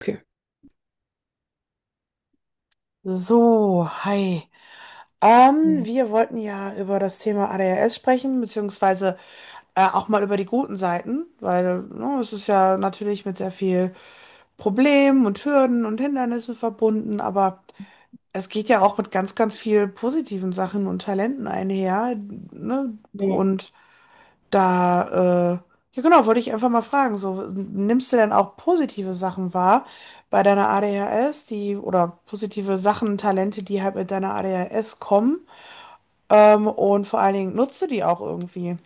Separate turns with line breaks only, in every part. Okay.
So, hi.
Mhm.
Wir wollten ja über das Thema ADHS sprechen, beziehungsweise auch mal über die guten Seiten, weil ne, es ist ja natürlich mit sehr viel Problemen und Hürden und Hindernissen verbunden, aber es geht ja auch mit ganz, ganz viel positiven Sachen und Talenten einher, ne? Und da, ja genau, wollte ich einfach mal fragen, so, nimmst du denn auch positive Sachen wahr bei deiner ADHS, die, oder positive Sachen, Talente, die halt mit deiner ADHS kommen? Und vor allen Dingen nutzt du die auch irgendwie?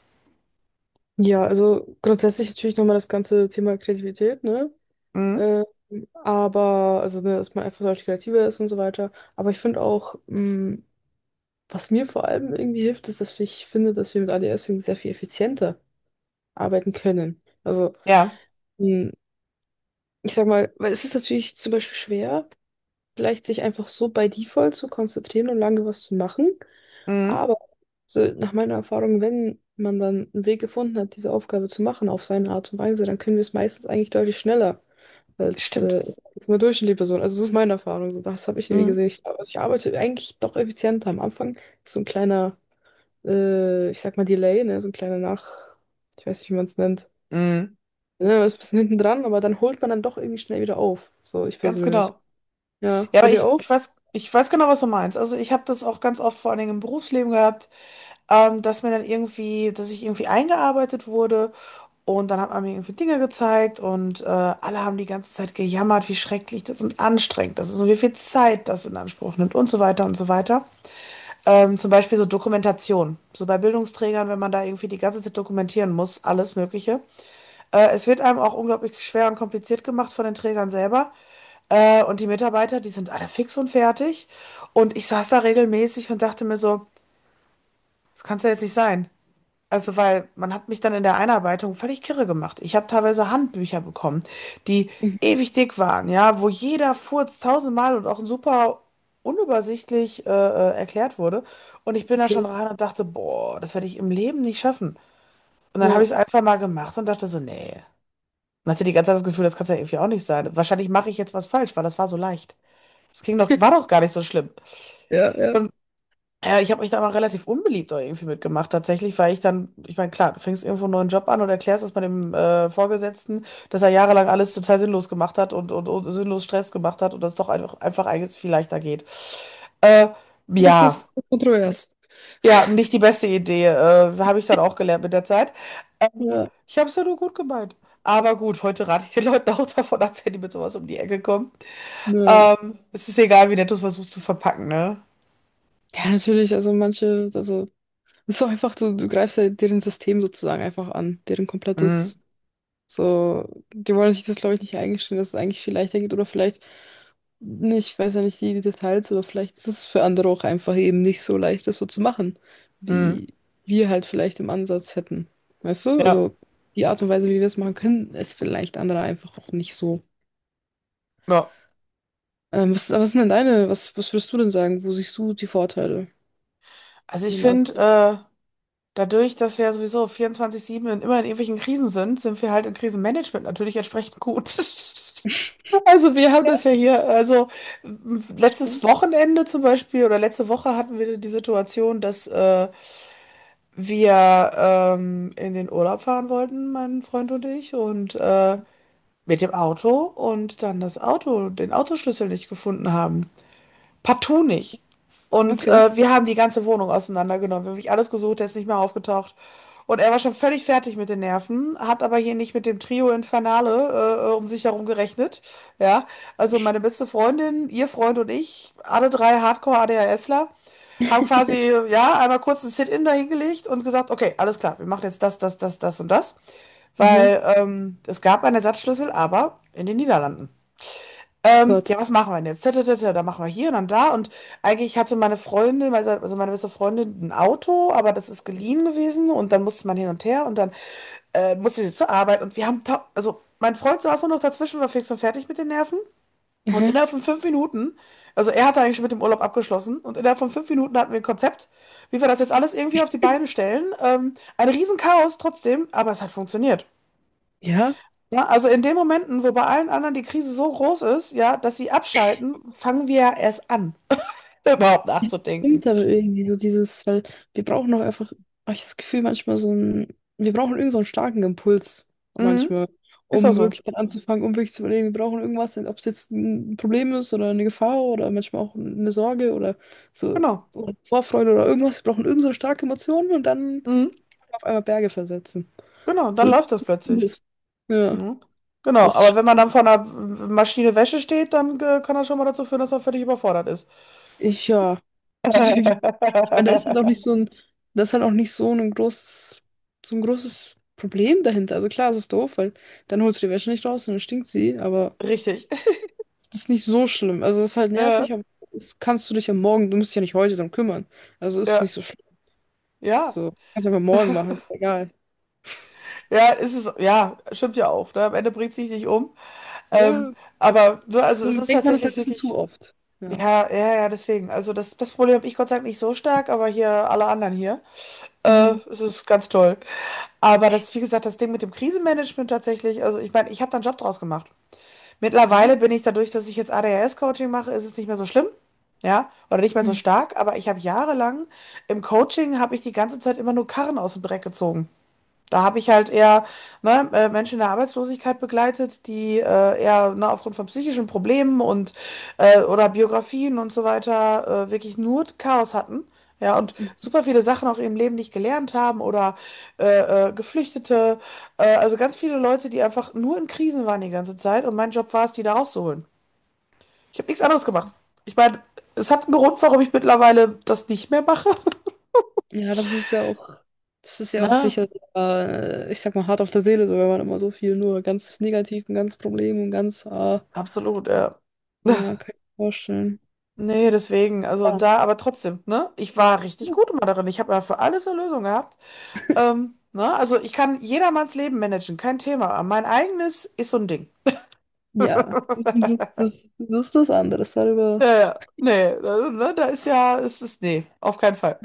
Ja, also grundsätzlich natürlich nochmal das ganze Thema Kreativität, ne?
Mhm.
Ähm, aber, also, ne, dass man einfach deutlich kreativer ist und so weiter. Aber ich finde auch, was mir vor allem irgendwie hilft, ist, dass ich finde, dass wir mit ADS irgendwie sehr viel effizienter arbeiten können. Also,
Ja.
mh, ich sag mal, weil es ist natürlich zum Beispiel schwer, vielleicht sich einfach so bei Default zu konzentrieren und lange was zu machen.
Mhm.
Aber so nach meiner Erfahrung, wenn man dann einen Weg gefunden hat, diese Aufgabe zu machen auf seine Art und Weise, dann können wir es meistens eigentlich deutlich schneller als
Stimmt.
äh, als eine durchschnittliche Person. Also das ist meine Erfahrung. So, das habe ich irgendwie
Mhm.
gesehen. Ich, also ich arbeite eigentlich doch effizienter. Am Anfang ist so ein kleiner, ich sag mal Delay, ne? So ein kleiner ich weiß nicht, wie man es nennt.
Mhm.
Ne, man ist ein bisschen hinten dran, aber dann holt man dann doch irgendwie schnell wieder auf. So, ich
Ganz
persönlich.
genau.
Ja,
Ja,
bei
aber
dir
ich,
auch?
ich weiß, ich weiß genau, was du meinst. Also ich habe das auch ganz oft vor allen Dingen im Berufsleben gehabt. Dass mir dann irgendwie, dass ich irgendwie eingearbeitet wurde und dann hat man mir irgendwie Dinge gezeigt und alle haben die ganze Zeit gejammert, wie schrecklich das und anstrengend das ist und wie viel Zeit das in Anspruch nimmt und so weiter und so weiter. Zum Beispiel so Dokumentation. So bei Bildungsträgern, wenn man da irgendwie die ganze Zeit dokumentieren muss, alles Mögliche. Es wird einem auch unglaublich schwer und kompliziert gemacht von den Trägern selber. Und die Mitarbeiter, die sind alle fix und fertig. Und ich saß da regelmäßig und dachte mir so, das kann es ja jetzt nicht sein. Also, weil man hat mich dann in der Einarbeitung völlig kirre gemacht. Ich habe teilweise Handbücher bekommen, die ewig dick waren, ja, wo jeder Furz tausendmal und auch super unübersichtlich erklärt wurde. Und ich bin da schon
Okay.
rein und dachte, boah, das werde ich im Leben nicht schaffen. Und dann habe
Ja.
ich es ein, zwei Mal gemacht und dachte so, nee. Und hatte die ganze Zeit das Gefühl, das kann es ja irgendwie auch nicht sein. Wahrscheinlich mache ich jetzt was falsch, weil das war so leicht. Das ging doch, war doch gar nicht so schlimm.
Ja, ja.
Ja, ich habe mich da aber relativ unbeliebt auch irgendwie mitgemacht. Tatsächlich, weil ich dann, ich meine, klar, du fängst irgendwo einen neuen Job an und erklärst es mal dem Vorgesetzten, dass er jahrelang alles total sinnlos gemacht hat und sinnlos Stress gemacht hat und das doch einfach, einfach eigentlich viel leichter geht. Äh,
Das
ja,
ist kontrovers.
ja, nicht die beste Idee. Habe ich dann auch gelernt mit der Zeit. Äh,
Ja.
ich habe es ja nur gut gemeint. Aber gut, heute rate ich den Leuten auch davon ab, wenn die mit sowas um die Ecke kommen.
Ja.
Es ist egal, wie nett du es versuchst zu verpacken, ne?
Ja, natürlich, also manche, also es ist auch einfach, du greifst ja deren System sozusagen einfach an, deren
Mm,
komplettes, so, die wollen sich das, glaube ich, nicht eingestehen, dass es eigentlich viel leichter geht oder vielleicht, nicht, ich weiß ja nicht die Details, aber vielleicht ist es für andere auch einfach eben nicht so leicht, das so zu machen,
mm,
wie wir halt vielleicht im Ansatz hätten. Weißt du?
ja,
Also die Art und Weise, wie wir es machen können, ist vielleicht andere einfach auch nicht so.
ja.
Was sind denn deine, was würdest du denn sagen? Wo siehst du die Vorteile,
Also ich
im
finde,
Ansatz?
dadurch, dass wir ja sowieso vierundzwanzig sieben immer in irgendwelchen Krisen sind, sind wir halt im Krisenmanagement natürlich entsprechend gut. Also wir haben
Ja,
das ja hier, also letztes
stimmt.
Wochenende zum Beispiel oder letzte Woche hatten wir die Situation, dass wir in den Urlaub fahren wollten, mein Freund und ich, und mit dem Auto und dann das Auto, den Autoschlüssel nicht gefunden haben. Partout nicht. Und
Okay.
wir haben die ganze Wohnung auseinandergenommen. Wir haben wirklich alles gesucht, der ist nicht mehr aufgetaucht. Und er war schon völlig fertig mit den Nerven, hat aber hier nicht mit dem Trio Infernale um sich herum gerechnet. Ja, also meine beste Freundin, ihr Freund und ich, alle drei Hardcore-ADHSler, haben quasi, ja, einmal kurz ein Sit-in dahingelegt und gesagt, okay, alles klar, wir machen jetzt das, das, das, das und das.
Aha.
Weil es gab einen Ersatzschlüssel, aber in den Niederlanden.
Oh Gott.
Ja, was machen wir denn jetzt? Tatatata, dann machen wir hier und dann da. Und eigentlich hatte meine Freundin, also meine beste Freundin, ein Auto, aber das ist geliehen gewesen und dann musste man hin und her und dann musste sie zur Arbeit und wir haben, also mein Freund saß nur noch dazwischen, war fix und fertig mit den Nerven und
Aha.
innerhalb von fünf Minuten, also er hatte eigentlich schon mit dem Urlaub abgeschlossen und innerhalb von fünf Minuten hatten wir ein Konzept, wie wir das jetzt alles irgendwie auf die Beine stellen. Ein Riesenchaos trotzdem, aber es hat funktioniert.
Ja.
Ja, also in den Momenten, wo bei allen anderen die Krise so groß ist, ja, dass sie abschalten, fangen wir ja erst an, überhaupt nachzudenken.
Stimmt aber irgendwie so dieses, weil wir brauchen doch einfach, hab ich das Gefühl, manchmal so ein, wir brauchen irgend so einen starken Impuls
Mhm.
manchmal,
Ist auch
um
so.
wirklich dann anzufangen, um wirklich zu überlegen, wir brauchen irgendwas, ob es jetzt ein Problem ist oder eine Gefahr oder manchmal auch eine Sorge oder so
Genau.
oder Vorfreude oder irgendwas. Wir brauchen irgend so eine starke Emotion und dann
Mhm.
auf einmal Berge versetzen.
Genau, dann
So
läuft das plötzlich.
ist. Ja,
Mhm. Genau,
das
aber
ist
wenn man dann vor einer Maschine Wäsche steht, dann kann das schon mal dazu führen, dass man völlig überfordert ist.
ich, ja, tatsächlich. Ich meine, da ist halt auch nicht so ein, das ist halt auch nicht so ein großes, so ein großes Problem dahinter. Also klar, es ist doof, weil dann holst du die Wäsche nicht raus und dann stinkt sie, aber
Richtig.
das ist nicht so schlimm. Also es ist halt
Ja,
nervig, aber das kannst du dich am Morgen, du musst dich ja nicht heute drum kümmern. Also ist
ja,
nicht so schlimm.
ja,
So, kannst du einfach morgen machen, ist egal.
ja, ist es, ja, stimmt ja auch. Ne? Am Ende bringt sich nicht um. Ähm,
Ja,
aber ne, also es
so
ist
denkt man das halt
tatsächlich
ein bisschen zu
wirklich.
oft. Ja.
Ja, ja, ja, deswegen. Also das, das Problem habe ich Gott sei Dank nicht so stark, aber hier alle anderen hier.
Mhm.
Es ist ganz toll. Aber das, wie gesagt, das Ding mit dem Krisenmanagement tatsächlich, also ich meine, ich habe da einen Job draus gemacht.
Ja.
Mittlerweile bin ich dadurch, dass ich jetzt ADHS-Coaching mache, ist es nicht mehr so schlimm. Ja, oder nicht mehr so
Mhm.
stark, aber ich habe jahrelang im Coaching habe ich die ganze Zeit immer nur Karren aus dem Dreck gezogen. Da habe ich halt eher ne, Menschen in der Arbeitslosigkeit begleitet, die eher ne, aufgrund von psychischen Problemen und oder Biografien und so weiter wirklich nur Chaos hatten. Ja, und super viele Sachen auch im Leben nicht gelernt haben oder Geflüchtete. Also ganz viele Leute, die einfach nur in Krisen waren die ganze Zeit. Und mein Job war es, die da rauszuholen. Ich habe nichts anderes gemacht. Ich meine, es hat einen Grund, warum ich mittlerweile das nicht mehr mache.
Ja, das ist ja auch, das ist ja auch
Ne?
sicher, ich sag mal, hart auf der Seele, so, wenn man immer so viel nur ganz negativ und ganz Problem und ganz,
Absolut, ja.
ja, kann ich mir vorstellen.
Nee, deswegen, also
Ja.
da, aber trotzdem, ne? Ich war richtig gut immer darin. Ich habe ja für alles eine Lösung gehabt. Ne? Also ich kann jedermanns Leben managen, kein Thema. Aber mein eigenes ist so ein Ding.
Ja, das, das ist was anderes.
Ja,
Darüber,
ja. Nee, da, ne, da ist ja, es ist, nee, auf keinen Fall.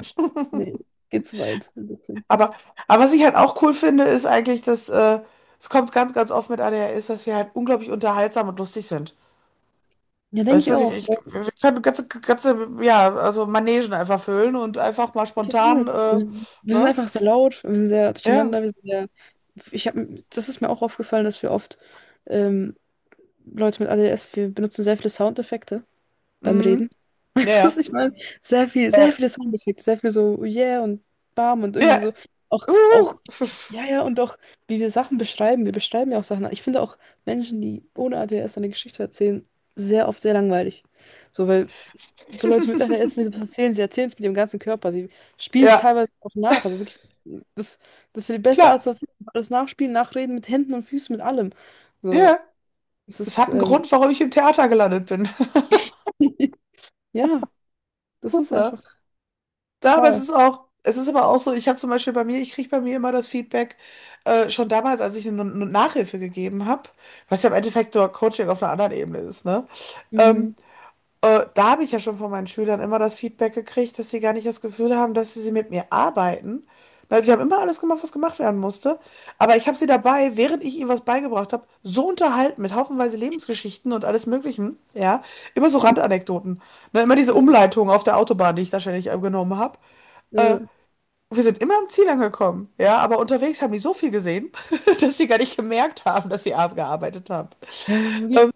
nee, geht zu weit, ein bisschen.
Aber, aber was ich halt auch cool finde, ist eigentlich, dass es kommt ganz, ganz oft mit ADHS, dass wir halt unglaublich unterhaltsam und lustig sind.
Ja, denke
Weißt
ich
du,
auch.
wir können ganze, ganze, ja, also Manegen einfach füllen und einfach mal spontan,
Total. Wir sind
ne?
einfach sehr laut, wir sind sehr
Ja,
durcheinander, wir sind sehr. Ich habe, das ist mir auch aufgefallen, dass wir oft ähm, Leute mit ADS, wir benutzen sehr viele Soundeffekte beim
mhm.
Reden.
Ja,
Also
ja.
ich meine, sehr viel, sehr
Ja.
viele Soundeffekte, sehr viel so yeah und bam und irgendwie
Ja.
so. Auch, auch,
Uhu.
ja, ja, und auch, wie wir Sachen beschreiben. Wir beschreiben ja auch Sachen. Ich finde auch Menschen, die ohne ADHS eine Geschichte erzählen, sehr oft sehr langweilig. So, weil so Leute mit ADHS, wenn sie was erzählen, sie erzählen es mit ihrem ganzen Körper. Sie spielen es
Ja,
teilweise auch nach. Also wirklich, das, das ist ja die beste
klar.
Art, das alles nachspielen, nachreden mit Händen und Füßen, mit allem. So,
Ja.
es
Es
ist,
hat einen Grund, warum ich im Theater gelandet bin,
ja, das ist
ne?
einfach
Ja, aber es
total.
ist auch es ist aber auch so, ich habe zum Beispiel bei mir ich kriege bei mir immer das Feedback, schon damals, als ich eine 'ne Nachhilfe gegeben habe, was ja im Endeffekt so Coaching auf einer anderen Ebene ist, ne? Ähm,
Mhm.
Da habe ich ja schon von meinen Schülern immer das Feedback gekriegt, dass sie gar nicht das Gefühl haben, dass sie mit mir arbeiten. Na, wir haben immer alles gemacht, was gemacht werden musste. Aber ich habe sie dabei, während ich ihnen was beigebracht habe, so unterhalten mit haufenweise Lebensgeschichten und alles Möglichen, ja, immer so Randanekdoten. Ne, immer diese
Ja,
Umleitung auf der Autobahn, die ich da ständig genommen habe. Äh,
ja.
wir sind immer am Ziel angekommen, ja, aber unterwegs haben die so viel gesehen, dass sie gar nicht gemerkt haben, dass sie abgearbeitet haben.
Ja, es ist wirklich,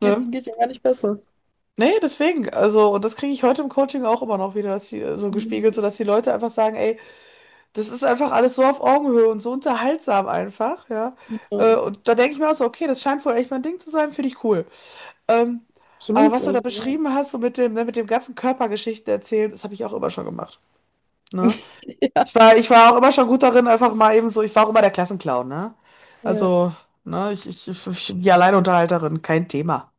geht,
Ne?
geht ja gar nicht besser.
Nee, deswegen. Also, und das kriege ich heute im Coaching auch immer noch wieder, dass die, so gespiegelt, so
Mhm.
dass die Leute einfach sagen, ey, das ist einfach alles so auf Augenhöhe und so unterhaltsam einfach, ja.
Ja,
Und da denke ich mir auch so, okay, das scheint wohl echt mein Ding zu sein, finde ich cool. Ähm, aber
absolut.
was du da
Also, ja.
beschrieben hast, so mit dem, ne, mit dem ganzen Körpergeschichten erzählen, das habe ich auch immer schon gemacht. Ne?
Ja.
Ich war auch immer schon gut darin, einfach mal eben so, ich war auch immer der Klassenclown, ne?
Ja.
Also, ne, ich, die Alleinunterhalterin, kein Thema.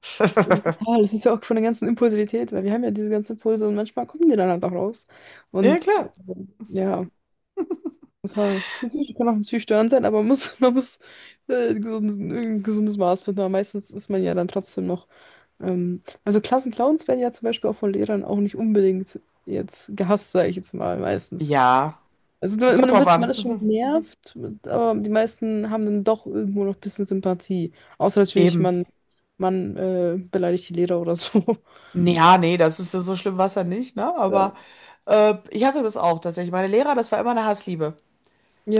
Ja, das ist ja auch von der ganzen Impulsivität, weil wir haben ja diese ganzen Impulse und manchmal kommen die dann halt auch raus.
Ja,
Und
klar.
äh, ja, total. Das ist natürlich, kann auch natürlich störend sein, aber man muss, man muss ein gesundes Maß finden. Aber meistens ist man ja dann trotzdem noch. Also Klassenclowns werden ja zum Beispiel auch von Lehrern auch nicht unbedingt jetzt gehasst, sage ich jetzt mal, meistens.
Ja,
Also
es
man
kommt
man
drauf
wird, man
an.
ist schon
Mhm.
genervt, aber die meisten haben dann doch irgendwo noch ein bisschen Sympathie. Außer natürlich,
Eben.
man beleidigt die Lehrer oder so.
Ja, nee, das ist ja so schlimm war es ja nicht, ne? Aber ich hatte das auch tatsächlich. Meine Lehrer, das war immer eine Hassliebe.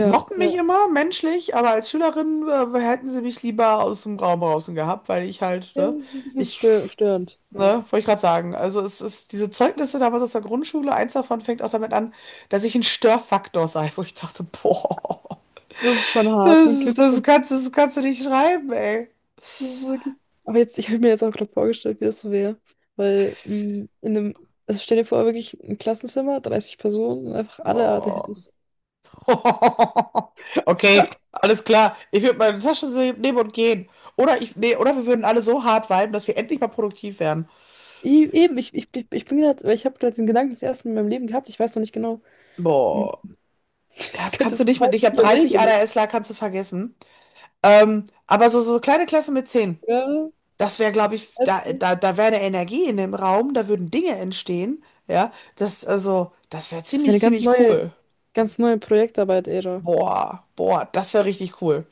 Die mochten
ja.
mich
Ja,
immer menschlich, aber als Schülerin hätten sie mich lieber aus dem Raum draußen gehabt, weil ich halt,
ja,
ne,
ein bisschen
ich,
störend, ja.
ne, wollte ich gerade sagen. Also es ist diese Zeugnisse damals aus der Grundschule, eins davon fängt auch damit an, dass ich ein Störfaktor sei, wo ich dachte, boah,
Das ist schon hart, ein Kind.
das kannst du nicht schreiben, ey.
Das ist wirklich. Aber jetzt, ich habe mir jetzt auch gerade vorgestellt, wie das so wäre. Weil in einem, also stell dir vor, wirklich ein Klassenzimmer, 30 Personen, einfach alle
Boah.
ADHS.
Okay, alles klar. Ich würde meine Tasche nehmen und gehen. Oder wir würden alle so hart viben, dass wir endlich mal produktiv werden.
Eben, ich bin gerade, ich habe gerade den Gedanken das erste Mal in meinem Leben gehabt, ich weiß noch nicht genau, mh,
Boah, Ja,
das
das kannst
könnte
du nicht
total
mit. Ich habe
viele
30
Wege nehmen.
ADHSler, kannst du vergessen. Aber so, so kleine Klasse mit 10,
Ja,
das wäre, glaube ich, da,
als,
da, da wäre eine Energie in dem Raum, da würden Dinge entstehen. Ja, das, also, das wäre
das ist
ziemlich,
eine
ziemlich cool.
ganz neue Projektarbeit-Ära.
Boah, boah, das wäre richtig cool.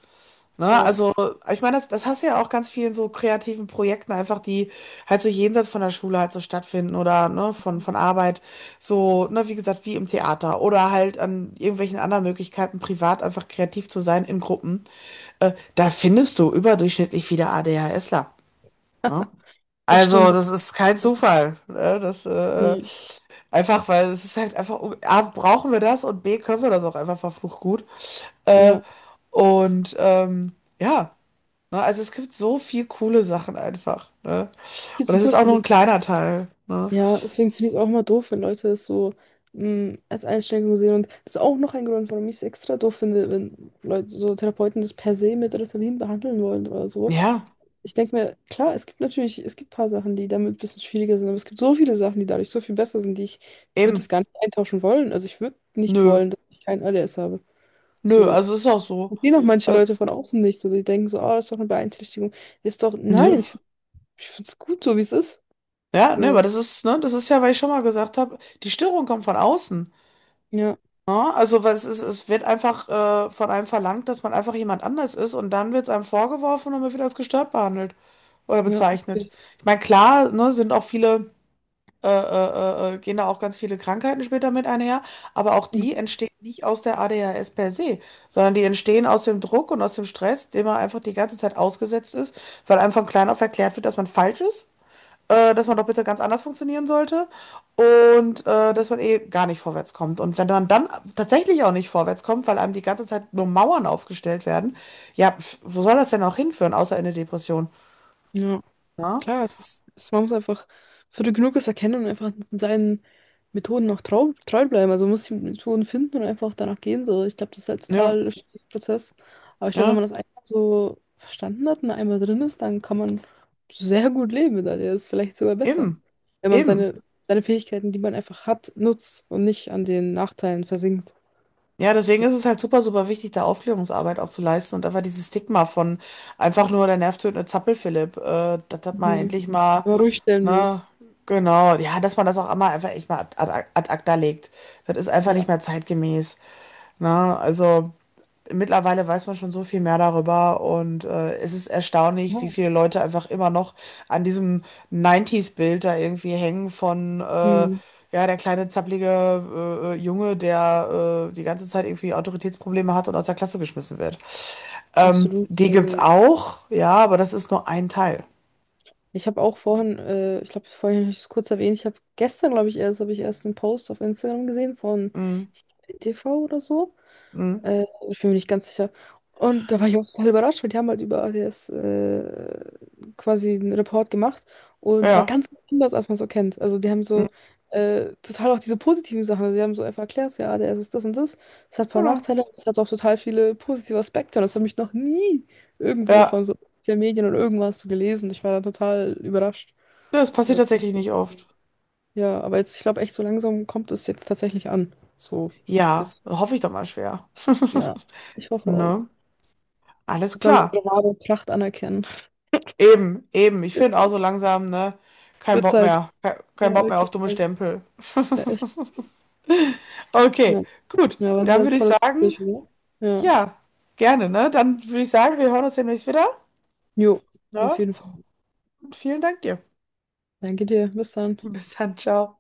Ne?
Ja,
Also, ich meine, das, das hast du ja auch ganz vielen so kreativen Projekten einfach, die halt so jenseits von der Schule halt so stattfinden oder ne, von Arbeit, so, ne, wie gesagt, wie im Theater oder halt an irgendwelchen anderen Möglichkeiten, privat einfach kreativ zu sein in Gruppen. Da findest du überdurchschnittlich viele ADHSler. Ne?
das
Also,
stimmt.
das ist kein
Ja.
Zufall. Ne? Das,
Nee,
einfach, weil es ist halt einfach, A, brauchen wir das und B, können wir das auch einfach verflucht gut. Äh,
ja.
und ähm, ja. Ne? Also es gibt so viel coole Sachen einfach. Ne?
Es gibt
Und das ist
super
auch nur ein
vieles.
kleiner Teil. Ne?
Ja, deswegen finde ich es auch mal doof, wenn Leute es so als Einschränkung sehen. Und das ist auch noch ein Grund, warum ich es extra doof finde, wenn Leute, so Therapeuten das per se mit Ritalin behandeln wollen oder so.
Ja,
Ich denke mir, klar, es gibt natürlich, es gibt ein paar Sachen, die damit ein bisschen schwieriger sind, aber es gibt so viele Sachen, die dadurch so viel besser sind, die ich, ich würde
eben.
das gar nicht eintauschen wollen. Also ich würde nicht
Nö.
wollen, dass ich kein ADS habe.
Nö,
So,
also ist auch so.
verstehen auch manche
Äh,
Leute von außen nicht. So, die denken so, oh, das ist doch eine Beeinträchtigung. Ist doch,
nö.
nein, ich ich finde es gut, so wie es ist.
Ja, ne,
So,
aber das ist, ne, das ist ja, weil ich schon mal gesagt habe, die Störung kommt von außen.
ja,
Ne? Also was es, es wird einfach von einem verlangt, dass man einfach jemand anders ist und dann wird es einem vorgeworfen und man wird als gestört behandelt oder
ja.
bezeichnet.
Okay.
Ich meine, klar, ne, sind auch viele. Gehen da auch ganz viele Krankheiten später mit einher, aber auch die
Mhm.
entstehen nicht aus der ADHS per se, sondern die entstehen aus dem Druck und aus dem Stress, dem man einfach die ganze Zeit ausgesetzt ist, weil einem von klein auf erklärt wird, dass man falsch ist, dass man doch bitte ganz anders funktionieren sollte und dass man eh gar nicht vorwärts kommt. Und wenn man dann tatsächlich auch nicht vorwärts kommt, weil einem die ganze Zeit nur Mauern aufgestellt werden, ja, pf, wo soll das denn auch hinführen, außer in eine Depression?
Ja.
Na?
Klar, es ist, es, man muss einfach früh genug es erkennen und einfach seinen Methoden auch treu bleiben. Also man muss die Methoden finden und einfach danach gehen. So, ich glaube, das ist halt
Ja,
total ein Prozess. Aber ich glaube, wenn man
ja,
das einmal so verstanden hat und einmal drin ist, dann kann man sehr gut leben mit der Idee. Das ist vielleicht sogar besser,
eben,
wenn man seine,
eben.
seine Fähigkeiten, die man einfach hat, nutzt und nicht an den Nachteilen versinkt.
Ja, deswegen
So.
ist es halt super, super wichtig, da Aufklärungsarbeit auch zu leisten und einfach dieses Stigma von einfach nur der nervtötende Zappelphilipp, das hat mal
Mhm.
endlich mal,
Wenn man ruhig stellen
ne,
muss.
genau, ja, dass man das auch einmal einfach echt mal ad acta legt. Das ist einfach nicht
Ja.
mehr zeitgemäß, ne, also. Mittlerweile weiß man schon so viel mehr darüber und es ist erstaunlich, wie
Ja.
viele Leute einfach immer noch an diesem 90s-Bild da irgendwie hängen von, ja,
Mhm.
der kleine zappelige Junge, der die ganze Zeit irgendwie Autoritätsprobleme hat und aus der Klasse geschmissen wird.
Absolut.
Die gibt's
Also
auch, ja, aber das ist nur ein Teil.
ich habe auch vorhin, ich glaube, vorhin habe ich es kurz erwähnt, ich habe gestern, glaube ich, erst, habe ich erst einen Post auf Instagram gesehen von
Mhm.
ich, TV oder so.
Mhm.
Ich bin mir nicht ganz sicher. Und da war ich auch total überrascht, weil die haben halt über ADS quasi einen Report gemacht. Und aber
Ja.
ganz anders, als man so kennt. Also die haben
Mhm.
so total auch diese positiven Sachen. Also die haben so einfach erklärt, ja, ADS ist das und das. Es hat ein paar
Genau.
Nachteile, aber es hat auch total viele positive Aspekte. Und das habe ich noch nie irgendwo von
Ja,
so den Medien oder irgendwas so gelesen. Ich war da total überrascht.
das passiert
Äh,
tatsächlich nicht oft.
ja, aber jetzt, ich glaube echt, so langsam kommt es jetzt tatsächlich an. So,
Ja,
das,
hoffe ich doch mal schwer.
ja, ich hoffe auch.
Ne? Alles
Sollen
klar.
unsere wahre Pracht anerkennen.
Eben, eben. Ich finde auch so langsam, ne? Kein
Wird
Bock
Zeit.
mehr.
Ja,
Kein Bock mehr auf
wirklich.
dumme Stempel.
Ja, echt.
Okay,
Ja,
gut.
ja, war ein
Dann
sehr
würde ich
tolles
sagen,
Gespräch, oder? Ja.
ja, gerne, ne? Dann würde ich sagen, wir hören uns demnächst wieder,
Jo,
ne?
auf jeden Fall.
Und vielen Dank dir.
Danke dir. Bis dann.
Bis dann, ciao.